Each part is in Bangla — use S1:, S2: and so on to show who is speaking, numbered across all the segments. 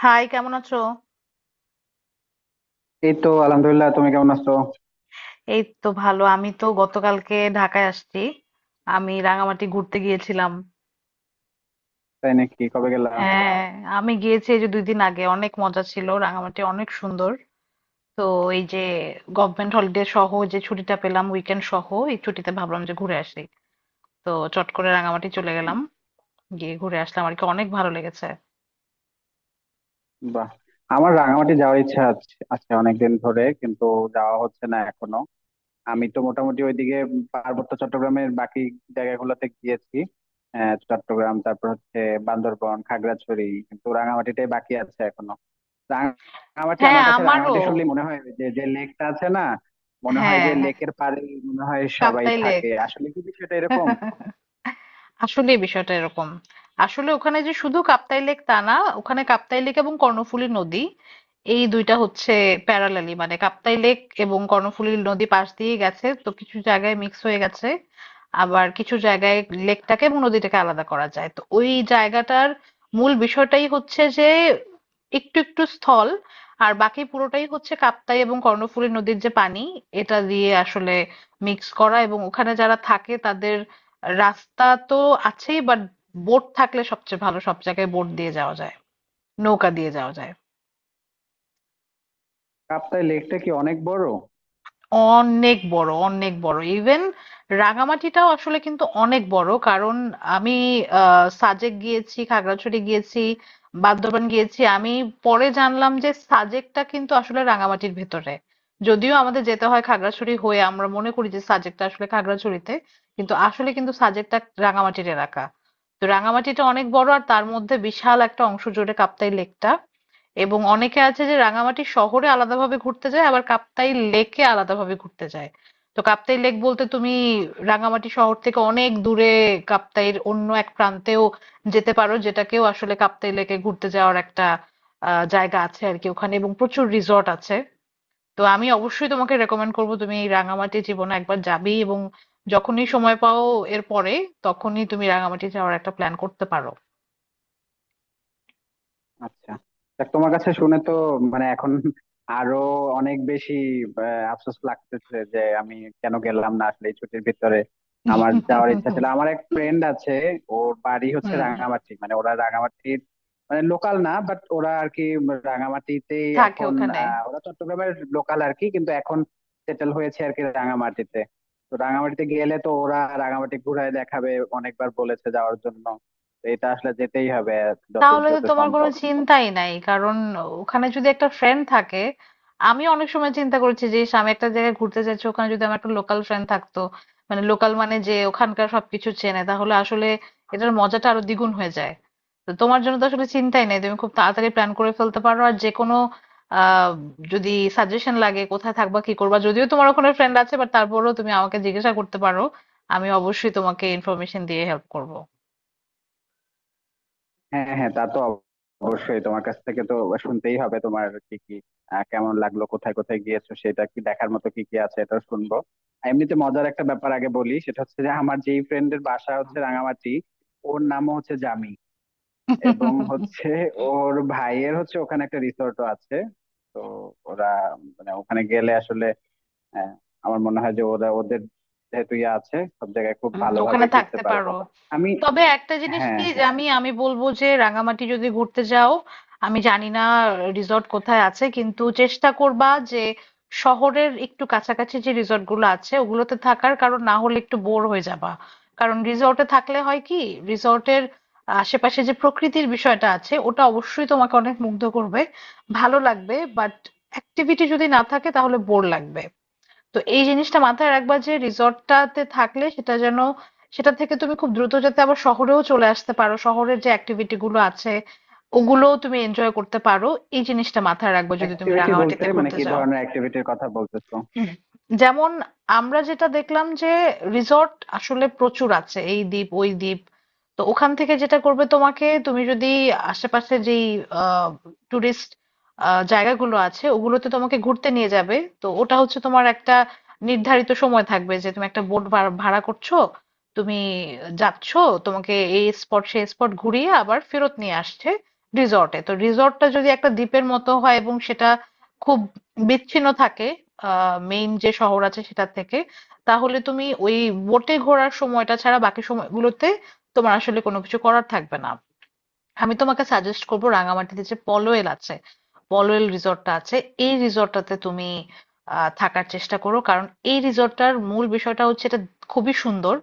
S1: হাই, কেমন আছো?
S2: এই তো আলহামদুলিল্লাহ। তুমি কেমন আছো?
S1: এই তো ভালো। আমি তো গতকালকে ঢাকায় আসছি। আমি রাঙামাটি ঘুরতে গিয়েছিলাম।
S2: তাই নাকি? কবে গেলা?
S1: হ্যাঁ, আমি গিয়েছি এই যে 2 দিন আগে। অনেক মজা ছিল। রাঙামাটি অনেক সুন্দর। তো এই যে গভর্নমেন্ট হলিডে সহ যে ছুটিটা পেলাম উইকেন্ড সহ, এই ছুটিতে ভাবলাম যে ঘুরে আসি। তো চট করে রাঙামাটি চলে গেলাম, গিয়ে ঘুরে আসলাম আর কি। অনেক ভালো লেগেছে।
S2: বাহ। আমার রাঙামাটি যাওয়ার ইচ্ছা আছে আছে অনেকদিন ধরে, কিন্তু যাওয়া হচ্ছে না এখনো। আমি তো মোটামুটি ওইদিকে পার্বত্য চট্টগ্রামের বাকি জায়গাগুলোতে গিয়েছি। চট্টগ্রাম, তারপর হচ্ছে বান্দরবন, খাগড়াছড়ি, কিন্তু রাঙামাটিটাই বাকি আছে এখনো। রাঙামাটি,
S1: হ্যাঁ,
S2: আমার কাছে
S1: আমারও।
S2: রাঙামাটি শুনলে মনে হয় ওই যে যে লেকটা আছে না? মনে হয়
S1: হ্যাঁ,
S2: যে
S1: হ্যাঁ,
S2: লেকের পাড়ে মনে হয় সবাই
S1: কাপ্তাই
S2: থাকে।
S1: লেক।
S2: আসলে কি বিষয়টা এরকম?
S1: আসলে বিষয়টা এরকম। আসলে ওখানে যে শুধু কাপ্তাই লেক তা না, ওখানে কাপ্তাই লেক এবং কর্ণফুলী নদী, এই দুইটা হচ্ছে প্যারালালি। মানে কাপ্তাই লেক এবং কর্ণফুলী নদী পাশ দিয়ে গেছে, তো কিছু জায়গায় মিক্স হয়ে গেছে, আবার কিছু জায়গায় লেকটাকে এবং নদীটাকে আলাদা করা যায়। তো ওই জায়গাটার মূল বিষয়টাই হচ্ছে যে একটু একটু স্থল, আর বাকি পুরোটাই হচ্ছে কাপ্তাই এবং কর্ণফুলী নদীর যে পানি, এটা দিয়ে আসলে মিক্স করা। এবং ওখানে যারা থাকে তাদের রাস্তা তো আছেই, বাট বোট থাকলে সবচেয়ে ভালো। সব জায়গায় বোট দিয়ে যাওয়া যায়, নৌকা দিয়ে যাওয়া যায়।
S2: কাপ্তাই লেকটা কি অনেক বড়?
S1: অনেক বড়, অনেক বড়। ইভেন রাঙামাটিটাও আসলে কিন্তু অনেক বড়। কারণ আমি সাজেক গিয়েছি, খাগড়াছড়ি গিয়েছি, বান্দরবান গিয়েছি। আমি পরে জানলাম যে সাজেকটা কিন্তু আসলে রাঙামাটির ভেতরে। যদিও আমাদের যেতে হয় খাগড়াছড়ি হয়ে, আমরা মনে করি যে সাজেকটা আসলে খাগড়াছড়িতে, কিন্তু আসলে কিন্তু সাজেকটা রাঙামাটির এলাকা। তো রাঙামাটিটা অনেক বড়, আর তার মধ্যে বিশাল একটা অংশ জুড়ে কাপ্তাই লেকটা। এবং অনেকে আছে যে রাঙামাটি শহরে আলাদাভাবে ঘুরতে যায়, আবার কাপ্তাই লেকে আলাদাভাবে ঘুরতে যায়। তো কাপ্তাই লেক বলতে তুমি রাঙামাটি শহর থেকে অনেক দূরে কাপ্তাইয়ের অন্য এক প্রান্তেও যেতে পারো, যেটাকেও আসলে কাপ্তাই লেকে ঘুরতে যাওয়ার একটা জায়গা আছে আর কি ওখানে। এবং প্রচুর রিসর্ট আছে। তো আমি অবশ্যই তোমাকে রেকমেন্ড করবো, তুমি এই রাঙামাটি জীবনে একবার যাবেই, এবং যখনই সময় পাও এর পরে, তখনই তুমি রাঙামাটি যাওয়ার একটা প্ল্যান করতে পারো।
S2: আচ্ছা, তা তোমার কাছে শুনে তো মানে এখন আরো অনেক বেশি আহ, আফসোস লাগতেছে, যে আমি কেন গেলাম না আসলে এই ছুটির ভিতরে। আমার যাওয়ার ইচ্ছা ছিল। আমার এক ফ্রেন্ড আছে, ওর বাড়ি হচ্ছে
S1: হুম।
S2: রাঙামাটি, মানে ওরা রাঙামাটির মানে লোকাল না, বাট ওরা আর কি রাঙামাটিতেই
S1: থাকে
S2: এখন।
S1: ওখানে।
S2: ওরা চট্টগ্রামের লোকাল আর কি, কিন্তু এখন সেটেল হয়েছে আর কি রাঙামাটিতে। তো রাঙামাটিতে গেলে তো ওরা রাঙামাটি ঘুরায় দেখাবে। অনেকবার বলেছে যাওয়ার জন্য। তো এটা আসলে যেতেই হবে যত
S1: তাহলে তো
S2: দ্রুত
S1: তোমার কোনো
S2: সম্ভব।
S1: চিন্তাই নাই, কারণ ওখানে যদি একটা ফ্রেন্ড থাকে। আমি অনেক সময় চিন্তা করেছি যে ইস, আমি একটা জায়গায় ঘুরতে যাচ্ছি, ওখানে যদি আমার একটা লোকাল ফ্রেন্ড থাকতো, মানে লোকাল মানে যে ওখানকার সবকিছু চেনে, তাহলে আসলে এটার মজাটা আরো দ্বিগুণ হয়ে যায়। তো তোমার জন্য তো আসলে চিন্তাই নাই, তুমি খুব তাড়াতাড়ি প্ল্যান করে ফেলতে পারো। আর যে কোনো আহ যদি সাজেশন লাগে কোথায় থাকবা, কি করবা, যদিও তোমার ওখানে ফ্রেন্ড আছে, বাট তারপরেও তুমি আমাকে জিজ্ঞাসা করতে পারো। আমি অবশ্যই তোমাকে ইনফরমেশন দিয়ে হেল্প করব।
S2: হ্যাঁ, হ্যাঁ, তা তো অবশ্যই তোমার কাছ থেকে তো শুনতেই হবে তোমার কি কি কেমন লাগলো, কোথায় কোথায় গিয়েছো, সেটা কি দেখার মতো কি কি আছে, এটা শুনবো। আর এমনিতে মজার একটা ব্যাপার আগে বলি, সেটা হচ্ছে যে আমার যেই ফ্রেন্ডের বাসা হচ্ছে রাঙামাটি, ওর নামও হচ্ছে জামি। এবং হচ্ছে ওর ভাইয়ের হচ্ছে ওখানে একটা রিসোর্টও আছে। তো ওরা মানে ওখানে গেলে আসলে আহ, আমার মনে হয় যে ওরা ওদের যেহেতু ইয়ে আছে, সব জায়গায় খুব ভালোভাবে
S1: ওখানে
S2: ঘুরতে
S1: থাকতে
S2: পারবো।
S1: পারো।
S2: আমি
S1: তবে একটা জিনিস
S2: হ্যাঁ,
S1: কি, যে
S2: হ্যাঁ,
S1: আমি আমি বলবো যে রাঙামাটি যদি ঘুরতে যাও, আমি জানি না রিসর্ট কোথায় আছে, কিন্তু চেষ্টা করবা যে শহরের একটু কাছাকাছি যে রিসর্ট গুলো আছে ওগুলোতে থাকার। কারণ না হলে একটু বোর হয়ে যাবা। কারণ রিসর্টে থাকলে হয় কি, রিসর্টের আশেপাশে যে প্রকৃতির বিষয়টা আছে, ওটা অবশ্যই তোমাকে অনেক মুগ্ধ করবে, ভালো লাগবে, বাট অ্যাক্টিভিটি যদি না থাকে তাহলে বোর লাগবে। তো এই জিনিসটা মাথায় রাখবা যে রিসর্টটাতে থাকলে, সেটা যেন সেটা থেকে তুমি খুব দ্রুত যাতে আবার শহরেও চলে আসতে পারো, শহরের যে অ্যাক্টিভিটি গুলো আছে ওগুলোও তুমি এনজয় করতে পারো। এই জিনিসটা মাথায় রাখবে যদি তুমি
S2: অ্যাক্টিভিটি বলতে
S1: রাঙামাটিতে
S2: মানে
S1: ঘুরতে
S2: কি
S1: যাও।
S2: ধরনের অ্যাক্টিভিটির কথা বলতেছো?
S1: হুম, যেমন আমরা যেটা দেখলাম যে রিসর্ট আসলে প্রচুর আছে, এই দ্বীপ ওই দ্বীপ। তো ওখান থেকে যেটা করবে, তোমাকে তুমি যদি আশেপাশে যেই টুরিস্ট জায়গাগুলো আছে ওগুলোতে তোমাকে ঘুরতে নিয়ে যাবে, তো ওটা হচ্ছে তোমার একটা নির্ধারিত সময় থাকবে যে তুমি একটা বোট ভাড়া করছো, তুমি যাচ্ছ, তোমাকে এই স্পট সেই স্পট ঘুরিয়ে আবার ফেরত নিয়ে আসছে রিসর্টে। তো রিসর্টটা যদি একটা দ্বীপের মতো হয় এবং সেটা খুব বিচ্ছিন্ন থাকে মেইন যে শহর আছে সেটা থেকে, তাহলে তুমি ওই বোটে ঘোরার সময়টা ছাড়া বাকি সময়গুলোতে তোমার আসলে কোনো কিছু করার থাকবে না। আমি তোমাকে সাজেস্ট করবো রাঙামাটিতে যে পলওয়েল আছে, পলওয়েল রিসর্টটা আছে, এই রিসর্টটাতে তুমি থাকার চেষ্টা করো। কারণ এই রিসর্টটার মূল বিষয়টা হচ্ছে এটা খুবই সুন্দর,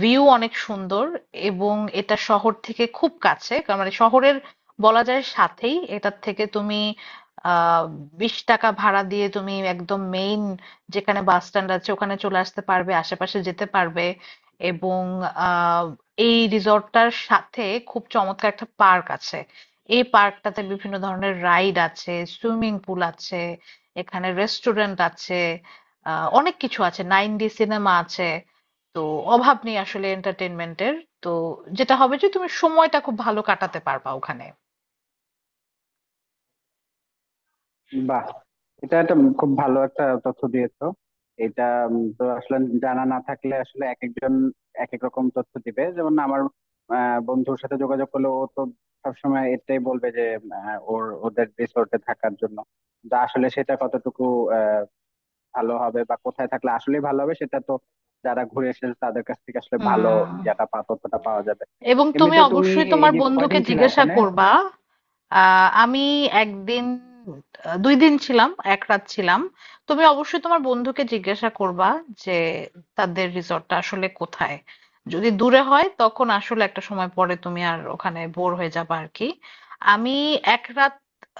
S1: ভিউ অনেক সুন্দর, এবং এটা শহর থেকে খুব কাছে। মানে শহরের বলা যায় সাথেই। এটার থেকে তুমি আহ 20 টাকা ভাড়া দিয়ে তুমি একদম মেইন যেখানে বাস স্ট্যান্ড আছে ওখানে চলে আসতে পারবে, আশেপাশে যেতে পারবে। এবং আহ এই রিসর্টটার সাথে খুব চমৎকার একটা পার্ক আছে। এই পার্কটাতে বিভিন্ন ধরনের রাইড আছে, সুইমিং পুল আছে, এখানে রেস্টুরেন্ট আছে, অনেক কিছু আছে, 9D সিনেমা আছে। তো অভাব নেই আসলে এন্টারটেনমেন্টের। তো যেটা হবে যে তুমি সময়টা খুব ভালো কাটাতে পারবা ওখানে।
S2: বাহ। এটা একটা খুব ভালো একটা তথ্য দিয়েছো এটা। তো আসলে জানা না থাকলে আসলে এক একজন এক এক রকম তথ্য দিবে, যেমন আমার বন্ধুর সাথে যোগাযোগ করলে ও তো সবসময় এটাই বলবে যে ওদের রিসোর্টে থাকার জন্য। কিন্তু আসলে সেটা কতটুকু আহ, ভালো হবে বা কোথায় থাকলে আসলে ভালো হবে, সেটা তো যারা ঘুরে এসেছে তাদের কাছ থেকে আসলে ভালো
S1: হুম।
S2: ইয়াটা পা তথ্যটা পাওয়া যাবে।
S1: এবং তুমি
S2: এমনিতে তুমি
S1: অবশ্যই
S2: এই
S1: তোমার
S2: যে
S1: বন্ধুকে
S2: কয়দিন ছিলে
S1: জিজ্ঞাসা
S2: ওখানে?
S1: করবা। আমি একদিন 2 দিন ছিলাম 1 রাত ছিলাম তুমি অবশ্যই তোমার বন্ধুকে জিজ্ঞাসা করবা যে তাদের রিসর্টটা আসলে কোথায়। যদি দূরে হয় তখন আসলে একটা সময় পরে তুমি আর ওখানে বোর হয়ে যাবে আর কি। আমি 1 রাত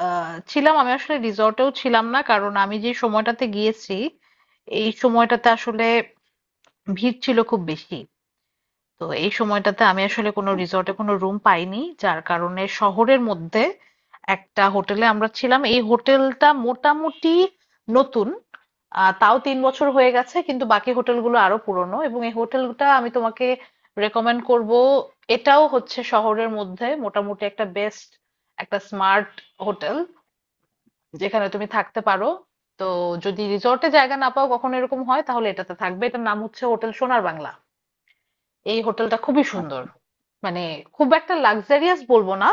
S1: ছিলাম। আমি আসলে রিসর্টেও ছিলাম না, কারণ আমি যে সময়টাতে গিয়েছি এই সময়টাতে আসলে ভিড় ছিল খুব বেশি। তো এই সময়টাতে আমি আসলে কোনো রিসর্টে কোনো রুম পাইনি, যার কারণে শহরের মধ্যে একটা হোটেলে আমরা ছিলাম। এই হোটেলটা মোটামুটি নতুন, তাও 3 বছর হয়ে গেছে, কিন্তু বাকি হোটেলগুলো আরো পুরনো। এবং এই হোটেলটা আমি তোমাকে রেকমেন্ড করব। এটাও হচ্ছে শহরের মধ্যে মোটামুটি একটা বেস্ট, একটা স্মার্ট হোটেল যেখানে তুমি থাকতে পারো। তো যদি রিসর্টে জায়গা না পাও, কখনো এরকম হয়, তাহলে এটাতে থাকবে। এটার নাম হচ্ছে হোটেল সোনার বাংলা। এই হোটেলটা খুবই সুন্দর।
S2: আচ্ছা,
S1: মানে খুব একটা লাক্সারিয়াস বলবো না,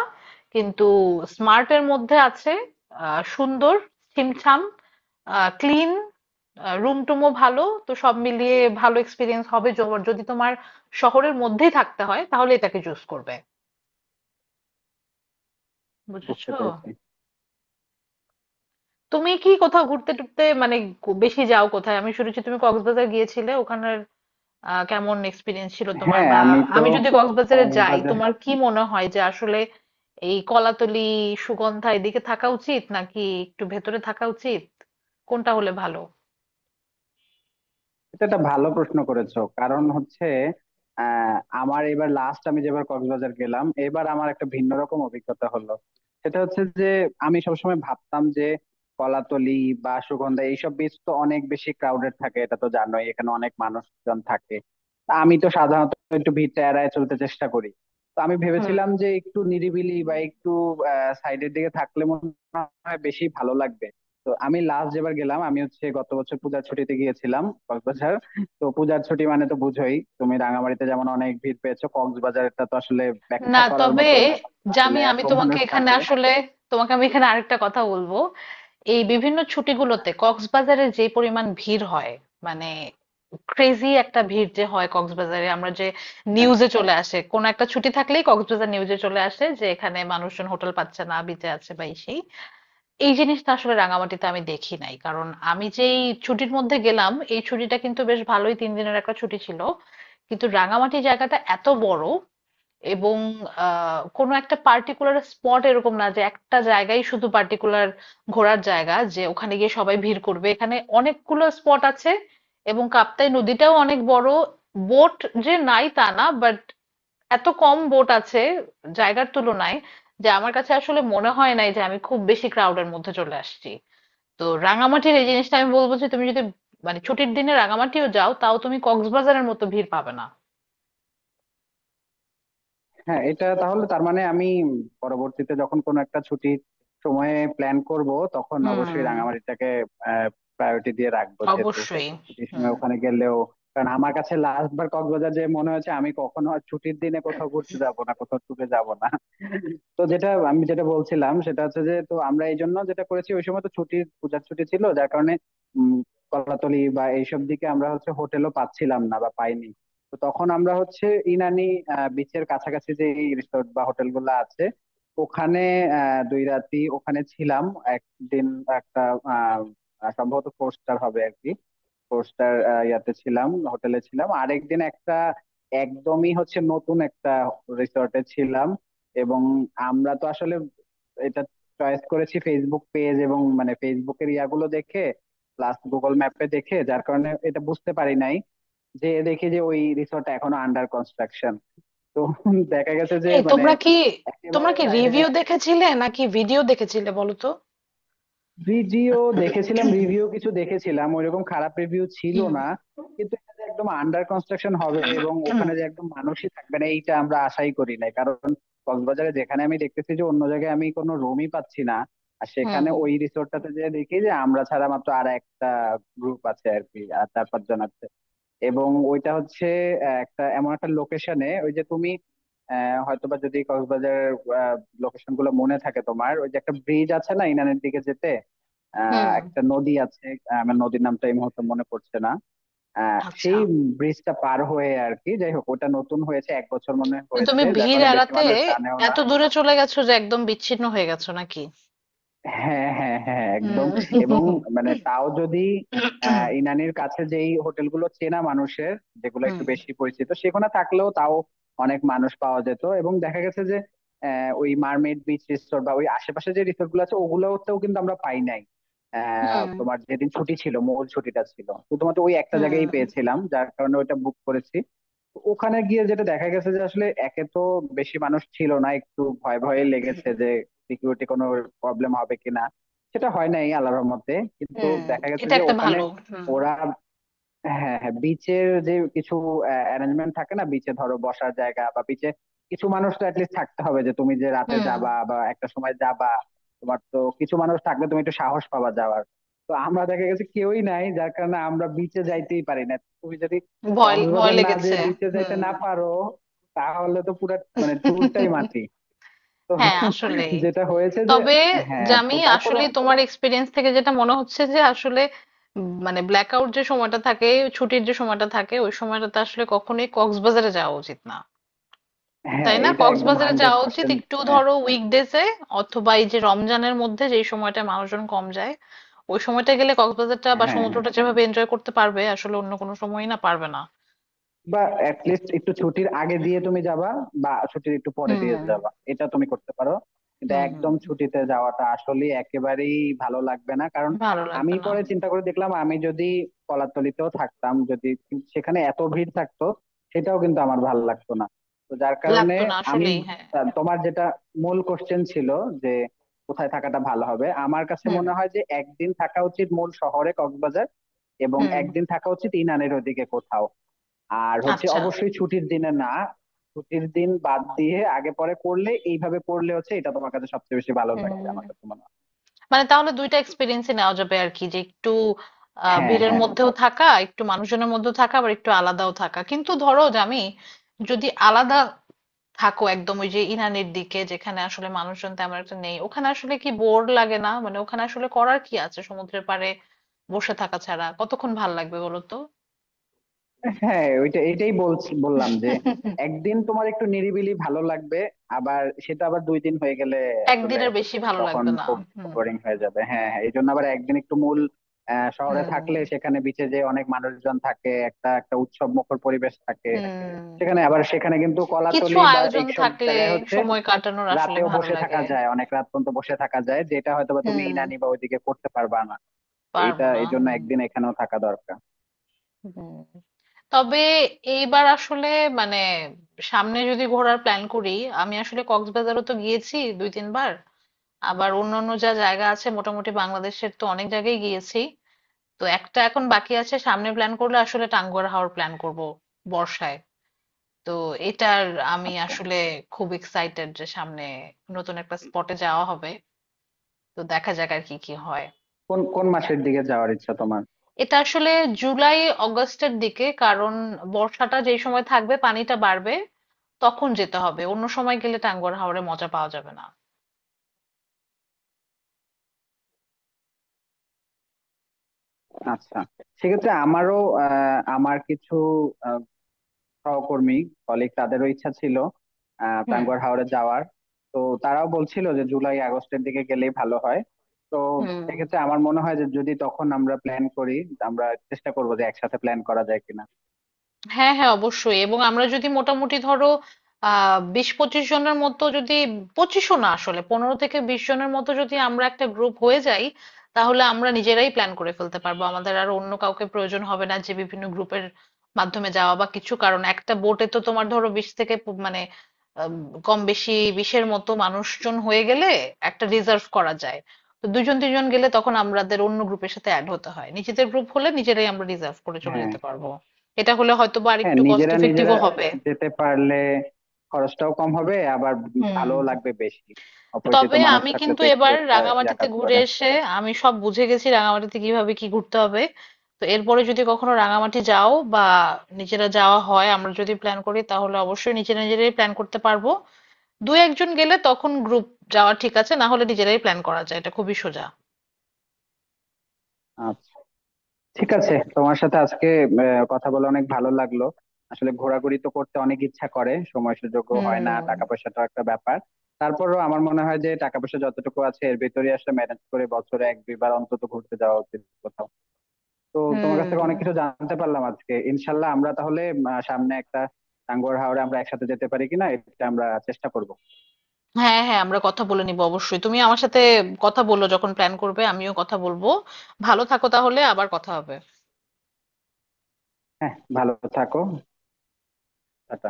S1: কিন্তু স্মার্ট এর মধ্যে আছে। সুন্দর, ছিমছাম, ক্লিন, রুম টুমও ভালো। তো সব মিলিয়ে ভালো এক্সপিরিয়েন্স হবে। যদি তোমার শহরের মধ্যেই থাকতে হয় তাহলে এটাকে চুজ করবে।
S2: বুঝতে
S1: বুঝেছো?
S2: পেরেছি।
S1: তুমি কি কোথাও ঘুরতে টুরতে মানে বেশি যাও কোথায়? আমি শুনেছি তুমি কক্সবাজার গিয়েছিলে। ওখানের কেমন এক্সপিরিয়েন্স ছিল তোমার,
S2: হ্যাঁ,
S1: বা
S2: আমি তো
S1: আমি যদি কক্সবাজারে যাই
S2: কক্সবাজার।
S1: তোমার কি মনে হয় যে আসলে এই কলাতলি সুগন্ধা এদিকে থাকা উচিত নাকি একটু ভেতরে থাকা উচিত, কোনটা হলে ভালো?
S2: এটা একটা ভালো প্রশ্ন করেছো, কারণ হচ্ছে আহ, আমার এবার লাস্ট আমি যেবার কক্সবাজার গেলাম এবার আমার একটা ভিন্ন রকম অভিজ্ঞতা হলো। সেটা হচ্ছে যে আমি সবসময় ভাবতাম যে কলাতলি বা সুগন্ধা এইসব বীচ তো অনেক বেশি ক্রাউডেড থাকে, এটা তো জানোই, এখানে অনেক মানুষজন থাকে। তা আমি তো সাধারণত একটু ভিড়টা এড়ায় চলতে চেষ্টা করি। তো আমি ভেবেছিলাম
S1: হুম।
S2: যে একটু নিরিবিলি বা একটু সাইডের দিকে থাকলে মনে হয় বেশি ভালো লাগবে। তো আমি লাস্ট যেবার গেলাম, আমি হচ্ছে গত বছর পূজার ছুটিতে গিয়েছিলাম কক্সবাজার। তো পূজার ছুটি মানে তো বুঝোই, তুমি রাঙামাটিতে যেমন অনেক ভিড় পেয়েছো, কক্সবাজারটা তো আসলে
S1: না,
S2: ব্যাখ্যা করার
S1: তবে
S2: মতো ব্যাপার না। আসলে
S1: জামি, আমি
S2: এত
S1: তোমাকে
S2: মানুষ
S1: এখানে
S2: থাকে।
S1: আসলে তোমাকে আমি এখানে আরেকটা কথা বলবো। এই বিভিন্ন ছুটিগুলোতে কক্সবাজারে যে পরিমাণ ভিড় হয়, মানে ক্রেজি একটা ভিড় যে হয় কক্সবাজারে, আমরা যে
S2: হ্যাঁ,
S1: নিউজে চলে আসে, কোন একটা ছুটি থাকলেই কক্সবাজার নিউজে চলে আসে যে এখানে মানুষজন হোটেল পাচ্ছে না, বিচে আছে, বা এই সেই। এই জিনিসটা আসলে রাঙামাটিতে আমি দেখি নাই। কারণ আমি যেই ছুটির মধ্যে গেলাম, এই ছুটিটা কিন্তু বেশ ভালোই, 3 দিনের একটা ছুটি ছিল। কিন্তু রাঙামাটি জায়গাটা এত বড়, এবং কোনো একটা পার্টিকুলার স্পট এরকম না যে একটা জায়গায় শুধু পার্টিকুলার ঘোরার জায়গা যে ওখানে গিয়ে সবাই ভিড় করবে, এখানে অনেকগুলো স্পট আছে, এবং কাপ্তাই নদীটাও অনেক বড়। বোট যে নাই তা না, বাট এত কম বোট আছে জায়গার তুলনায় যে আমার কাছে আসলে মনে হয় নাই যে আমি খুব বেশি ক্রাউডের মধ্যে চলে আসছি। তো রাঙামাটির এই জিনিসটা আমি বলবো যে তুমি যদি মানে ছুটির দিনে রাঙামাটিও যাও, তাও তুমি কক্সবাজারের মতো ভিড় পাবে না।
S2: হ্যাঁ, এটা তাহলে তার মানে আমি পরবর্তীতে যখন কোনো একটা ছুটির সময়ে প্ল্যান করব, তখন
S1: হুম।
S2: অবশ্যই রাঙামাটিটাকে প্রায়োরিটি দিয়ে রাখবো, যেহেতু
S1: অবশ্যই।
S2: ছুটির
S1: হুম।
S2: সময় ওখানে গেলেও। কারণ আমার কাছে লাস্ট বার কক্সবাজার যে মনে হয়েছে, আমি কখনো আর ছুটির দিনে কোথাও ঘুরতে যাব না, কোথাও ট্যুরে যাব না। তো যেটা বলছিলাম, সেটা হচ্ছে যে তো আমরা এই জন্য যেটা করেছি, ওই সময় তো পূজার ছুটি ছিল, যার কারণে উম কলাতলি বা এইসব দিকে আমরা হচ্ছে হোটেলও পাচ্ছিলাম না বা পাইনি। তো তখন আমরা হচ্ছে ইনানি বিচের কাছাকাছি যে রিসোর্ট বা হোটেল গুলো আছে ওখানে দুই রাতি ওখানে ছিলাম। একদিন একটা আহ, আহ, সম্ভবত ফোর স্টার হবে আর কি, ফোর স্টার ইয়াতে ছিলাম, হোটেলে ছিলাম। আরেকদিন একটা একদমই হচ্ছে নতুন একটা রিসর্টে ছিলাম। এবং আমরা তো আসলে এটা চয়েস করেছি ফেসবুক পেজ এবং মানে ফেসবুকের ইয়াগুলো দেখে, প্লাস গুগল ম্যাপে দেখে, যার কারণে এটা বুঝতে পারি নাই, যেয়ে দেখি যে ওই রিসোর্টটা এখনো আন্ডার কনস্ট্রাকশন। তো দেখা গেছে যে
S1: এই
S2: মানে
S1: তোমরা কি, তোমরা
S2: একেবারে
S1: কি
S2: সাইডে।
S1: রিভিউ দেখেছিলে নাকি ভিডিও দেখেছিলে বলো তো?
S2: ভিডিও দেখেছিলাম, রিভিউ কিছু দেখেছিলাম, ওইরকম খারাপ রিভিউ ছিল
S1: হুম।
S2: না। কিন্তু এটা যে একদম আন্ডার কনস্ট্রাকশন হবে এবং
S1: হুম।
S2: ওখানে যে একদম মানুষই থাকবে না, এইটা আমরা আশাই করি নাই, কারণ কক্সবাজারে যেখানে আমি দেখতেছি যে অন্য জায়গায় আমি কোনো রুমই পাচ্ছি না, আর সেখানে
S1: হুম।
S2: ওই রিসোর্টটাতে যে দেখি যে আমরা ছাড়া মাত্র আর একটা গ্রুপ আছে আর কি, আর চার পাঁচজন আছে। এবং ওইটা হচ্ছে একটা এমন একটা লোকেশনে, ওই যে তুমি হয়তোবা যদি কক্সবাজারের লোকেশন গুলো মনে থাকে তোমার, ওই যে একটা ব্রিজ আছে না ইনানের দিকে যেতে,
S1: হুম।
S2: একটা নদী আছে। আমার নদীর নামটা এই মুহূর্তে মনে পড়ছে না।
S1: আচ্ছা।
S2: সেই ব্রিজটা পার হয়ে আর কি, যাই হোক ওটা নতুন হয়েছে এক বছর মনে
S1: তো তুমি
S2: হয়েছে, যার
S1: ভিড়
S2: কারণে বেশি
S1: এড়াতে
S2: মানুষ জানেও না।
S1: এত দূরে চলে গেছো যে একদম বিচ্ছিন্ন হয়ে গেছো নাকি?
S2: হ্যাঁ, হ্যাঁ, হ্যাঁ, একদম। এবং
S1: হুম।
S2: মানে তাও যদি ইনানির কাছে যেই হোটেলগুলো চেনা মানুষের, যেগুলো
S1: হুম।
S2: একটু বেশি পরিচিত সেখানে থাকলেও, তাও অনেক মানুষ পাওয়া যেত। এবং দেখা গেছে যে ওই মার্মেড বিচ রিসোর্ট বা ওই আশেপাশে যে রিসোর্ট গুলো আছে ওগুলোতেও কিন্তু আমরা পাই নাই।
S1: হুম।
S2: তোমার যেদিন ছুটি ছিল মূল ছুটিটা ছিল, শুধুমাত্র ওই একটা জায়গায়
S1: হুম।
S2: পেয়েছিলাম, যার কারণে ওইটা বুক করেছি। ওখানে গিয়ে যেটা দেখা গেছে যে আসলে একে তো বেশি মানুষ ছিল না, একটু ভয় ভয়ে লেগেছে, সিকিউরিটি কোনো প্রবলেম হবে কিনা, সেটা হয় নাই আল্লাহর রহমতে। কিন্তু
S1: হুম।
S2: দেখা গেছে
S1: এটা
S2: যে
S1: একটা
S2: ওখানে
S1: ভালো। হুম।
S2: ওরা। হ্যাঁ, হ্যাঁ, বিচের যে কিছু অ্যারেঞ্জমেন্ট থাকে না, বিচে ধরো বসার জায়গা, বা বিচে কিছু মানুষ তো অ্যাটলিস্ট থাকতে হবে, যে তুমি যে রাতে
S1: হুম।
S2: যাবা বা একটা সময় যাবা। তোমার তো কিছু মানুষ থাকলে তুমি একটু সাহস পাবা যাওয়ার। তো আমরা দেখা গেছে কেউই নাই, যার কারণে আমরা বিচে যাইতেই পারি না। তুমি যদি
S1: ভয় ভয়
S2: কক্সবাজার না যে
S1: লেগেছে।
S2: বিচে যাইতে
S1: হুম।
S2: না পারো, তাহলে তো পুরো মানে ট্যুরটাই মাটি। তো
S1: হ্যাঁ, আসলেই।
S2: যেটা হয়েছে যে,
S1: তবে
S2: হ্যাঁ, তো
S1: জামি,
S2: তারপরও,
S1: আসলে তোমার এক্সপিরিয়েন্স থেকে যেটা মনে হচ্ছে যে আসলে মানে ব্ল্যাকআউট যে সময়টা থাকে, ছুটির যে সময়টা থাকে, ওই সময়টাতে আসলে কখনোই কক্সবাজারে যাওয়া উচিত না।
S2: হ্যাঁ
S1: তাই না?
S2: এটা একদম
S1: কক্সবাজারে
S2: হান্ড্রেড
S1: যাওয়া উচিত
S2: পার্সেন্ট।
S1: একটু
S2: হ্যাঁ,
S1: ধরো উইকডেজে, অথবা এই যে রমজানের মধ্যে যেই সময়টা মানুষজন কম যায়, ওই সময়টা গেলে কক্সবাজারটা বা
S2: হ্যাঁ,
S1: সমুদ্রটা যেভাবে এনজয় করতে পারবে আসলে অন্য কোনো সময়ই না পারবে না।
S2: বা এট লিস্ট একটু ছুটির আগে দিয়ে তুমি যাবা, বা ছুটির একটু পরে
S1: হুম।
S2: দিয়ে
S1: হুম।
S2: যাবা, এটা তুমি করতে পারো। কিন্তু
S1: হুম, হুম,
S2: একদম ছুটিতে যাওয়াটা আসলে একেবারেই ভালো লাগবে না, কারণ
S1: ভালো
S2: আমি
S1: লাগবে না।
S2: পরে
S1: হুম,
S2: চিন্তা করে দেখলাম, আমি যদি কলাতলিতেও থাকতাম, যদি সেখানে এত ভিড় থাকতো, সেটাও কিন্তু আমার ভালো লাগতো না। তো যার কারণে
S1: লাগতো না
S2: আমি,
S1: আসলেই। হ্যাঁ।
S2: তোমার যেটা মূল কোশ্চেন ছিল, যে কোথায় থাকাটা ভালো হবে, আমার কাছে
S1: হুম।
S2: মনে হয় যে একদিন থাকা উচিত মূল শহরে কক্সবাজার, এবং
S1: হুম।
S2: একদিন থাকা উচিত ইনানের ওদিকে কোথাও। আর হচ্ছে
S1: আচ্ছা।
S2: অবশ্যই ছুটির দিনে না, ছুটির দিন বাদ দিয়ে আগে পরে করলে, এইভাবে করলে হচ্ছে এটা তোমার কাছে সবচেয়ে বেশি ভালো
S1: হুম।
S2: লাগবে আমার কাছে মনে হয়।
S1: মানে তাহলে দুইটা এক্সপিরিয়েন্সই নেওয়া যাবে আর কি, যে একটু
S2: হ্যাঁ,
S1: ভিড়ের
S2: হ্যাঁ,
S1: মধ্যেও থাকা, একটু মানুষজনের মধ্যেও থাকা, আবার একটু আলাদাও থাকা। কিন্তু ধরো যে আমি যদি আলাদা থাকো একদম ওই যে ইনানির দিকে যেখানে আসলে মানুষজন তেমন একটা নেই, ওখানে আসলে কি বোর লাগে না? মানে ওখানে আসলে করার কি আছে সমুদ্রের পাড়ে বসে থাকা ছাড়া? কতক্ষণ ভাল লাগবে বলো তো?
S2: হ্যাঁ, ওইটা এটাই বললাম, যে একদিন তোমার একটু নিরিবিলি ভালো লাগবে, আবার সেটা আবার দুই দিন হয়ে গেলে আসলে
S1: একদিনের বেশি ভালো
S2: তখন
S1: লাগবে না।
S2: খুব
S1: হুম।
S2: বোরিং হয়ে যাবে। হ্যাঁ, হ্যাঁ, এই জন্য আবার একদিন একটু মূল শহরে থাকলে,
S1: হুম।
S2: সেখানে বিচে যে অনেক মানুষজন থাকে, একটা একটা উৎসব মুখর পরিবেশ থাকে।
S1: হুম।
S2: সেখানে কিন্তু
S1: কিছু
S2: কলাতলি বা
S1: আয়োজন
S2: এইসব
S1: থাকলে
S2: জায়গায় হচ্ছে
S1: সময় কাটানোর আসলে
S2: রাতেও
S1: ভালো
S2: বসে থাকা
S1: লাগে।
S2: যায়, অনেক রাত পর্যন্ত বসে থাকা যায়, যেটা হয়তোবা তুমি
S1: হুম।
S2: ইনানি বা ওইদিকে করতে পারবা না।
S1: পারবো
S2: এইটা
S1: না।
S2: এই জন্য
S1: হুম।
S2: একদিন এখানেও থাকা দরকার।
S1: হুম। তবে এইবার আসলে মানে সামনে যদি ঘোরার প্ল্যান করি, আমি আসলে কক্সবাজারও তো গিয়েছি 2-3 বার, আবার অন্যান্য যা জায়গা আছে মোটামুটি বাংলাদেশের তো অনেক জায়গায় গিয়েছি। তো একটা এখন বাকি আছে, সামনে প্ল্যান করলে আসলে টাঙ্গুয়ার হাওর প্ল্যান করব বর্ষায়। তো এটার আমি
S2: আচ্ছা,
S1: আসলে খুব এক্সাইটেড যে সামনে নতুন একটা স্পটে যাওয়া হবে। তো দেখা যাক আর কি কি হয়।
S2: কোন কোন মাসের দিকে যাওয়ার ইচ্ছা তোমার?
S1: এটা আসলে জুলাই অগাস্টের দিকে, কারণ বর্ষাটা যেই সময় থাকবে, পানিটা বাড়বে, তখন যেতে হবে। অন্য সময় গেলে টাঙ্গুয়ার হাওরে মজা পাওয়া যাবে না।
S2: আচ্ছা, সেক্ষেত্রে আমারও আমার কিছু আহ, সহকর্মী কলিগ, তাদেরও ইচ্ছা ছিল
S1: হুম।
S2: টাঙ্গুয়ার হাওরে যাওয়ার। তো তারাও বলছিল যে জুলাই আগস্টের দিকে গেলেই ভালো হয়। তো
S1: হুম।
S2: সেক্ষেত্রে আমার মনে হয় যে যদি তখন আমরা প্ল্যান করি, আমরা চেষ্টা করবো যে একসাথে প্ল্যান করা যায় কিনা।
S1: হ্যাঁ, হ্যাঁ, অবশ্যই। এবং আমরা যদি মোটামুটি ধরো 20-25 জনের মতো যদি, পঁচিশও না আসলে, 15 থেকে 20 জনের মতো যদি আমরা একটা গ্রুপ হয়ে যাই, তাহলে আমরা নিজেরাই প্ল্যান করে ফেলতে পারবো, আমাদের আর অন্য কাউকে প্রয়োজন হবে না যে বিভিন্ন গ্রুপের মাধ্যমে যাওয়া বা কিছু। কারণ একটা বোটে তো তোমার ধরো বিশ থেকে মানে আম, কম বেশি 20-এর মতো মানুষজন হয়ে গেলে একটা রিজার্ভ করা যায়। তো দুজন তিনজন গেলে তখন আমাদের অন্য গ্রুপের সাথে অ্যাড হতে হয়, নিজেদের গ্রুপ হলে নিজেরাই আমরা রিজার্ভ করে চলে
S2: হ্যাঁ,
S1: যেতে পারবো। এটা হলে হয়তোবা
S2: হ্যাঁ,
S1: আরেকটু কস্ট
S2: নিজেরা নিজেরা
S1: ইফেক্টিভও হবে।
S2: যেতে পারলে খরচটাও কম হবে, আবার
S1: হুম।
S2: ভালো লাগবে বেশি। অপরিচিত
S1: তবে
S2: মানুষ
S1: আমি
S2: থাকলে
S1: কিন্তু
S2: তো একটু
S1: এবার
S2: একটা ইয়া
S1: রাঙামাটিতে
S2: কাজ
S1: ঘুরে
S2: করে।
S1: এসে আমি সব বুঝে গেছি রাঙামাটিতে কিভাবে কি ঘুরতে হবে। তো এরপরে যদি কখনো রাঙামাটি যাও, বা নিজেরা যাওয়া হয়, আমরা যদি প্ল্যান করি, তাহলে অবশ্যই নিজেরা নিজেরাই প্ল্যান করতে পারবো। দু একজন গেলে তখন গ্রুপ যাওয়া ঠিক আছে, না হলে নিজেরাই প্ল্যান করা যায়, এটা খুবই সোজা।
S2: আচ্ছা, ঠিক আছে, তোমার সাথে আজকে কথা বলে অনেক ভালো লাগলো। আসলে ঘোরাঘুরি তো করতে অনেক ইচ্ছা করে, সময় সুযোগও হয় না,
S1: হুম।
S2: টাকা পয়সাটাও একটা ব্যাপার। তারপরও আমার মনে হয় যে টাকা পয়সা যতটুকু আছে এর ভিতরে আসলে ম্যানেজ করে বছরে এক দুইবার অন্তত ঘুরতে যাওয়া উচিত কোথাও। তো তোমার কাছ থেকে অনেক
S1: হুম।
S2: কিছু জানতে পারলাম আজকে। ইনশাল্লাহ আমরা তাহলে সামনে একটা টাঙ্গুয়ার হাওরে আমরা একসাথে যেতে পারি কিনা, এটা আমরা চেষ্টা করব।
S1: হ্যাঁ, হ্যাঁ, আমরা কথা বলে নিব অবশ্যই। তুমি আমার সাথে কথা বলো যখন প্ল্যান করবে, আমিও কথা বলবো। ভালো থাকো তাহলে, আবার কথা হবে।
S2: হ্যাঁ, ভালো থাকো। টাটা।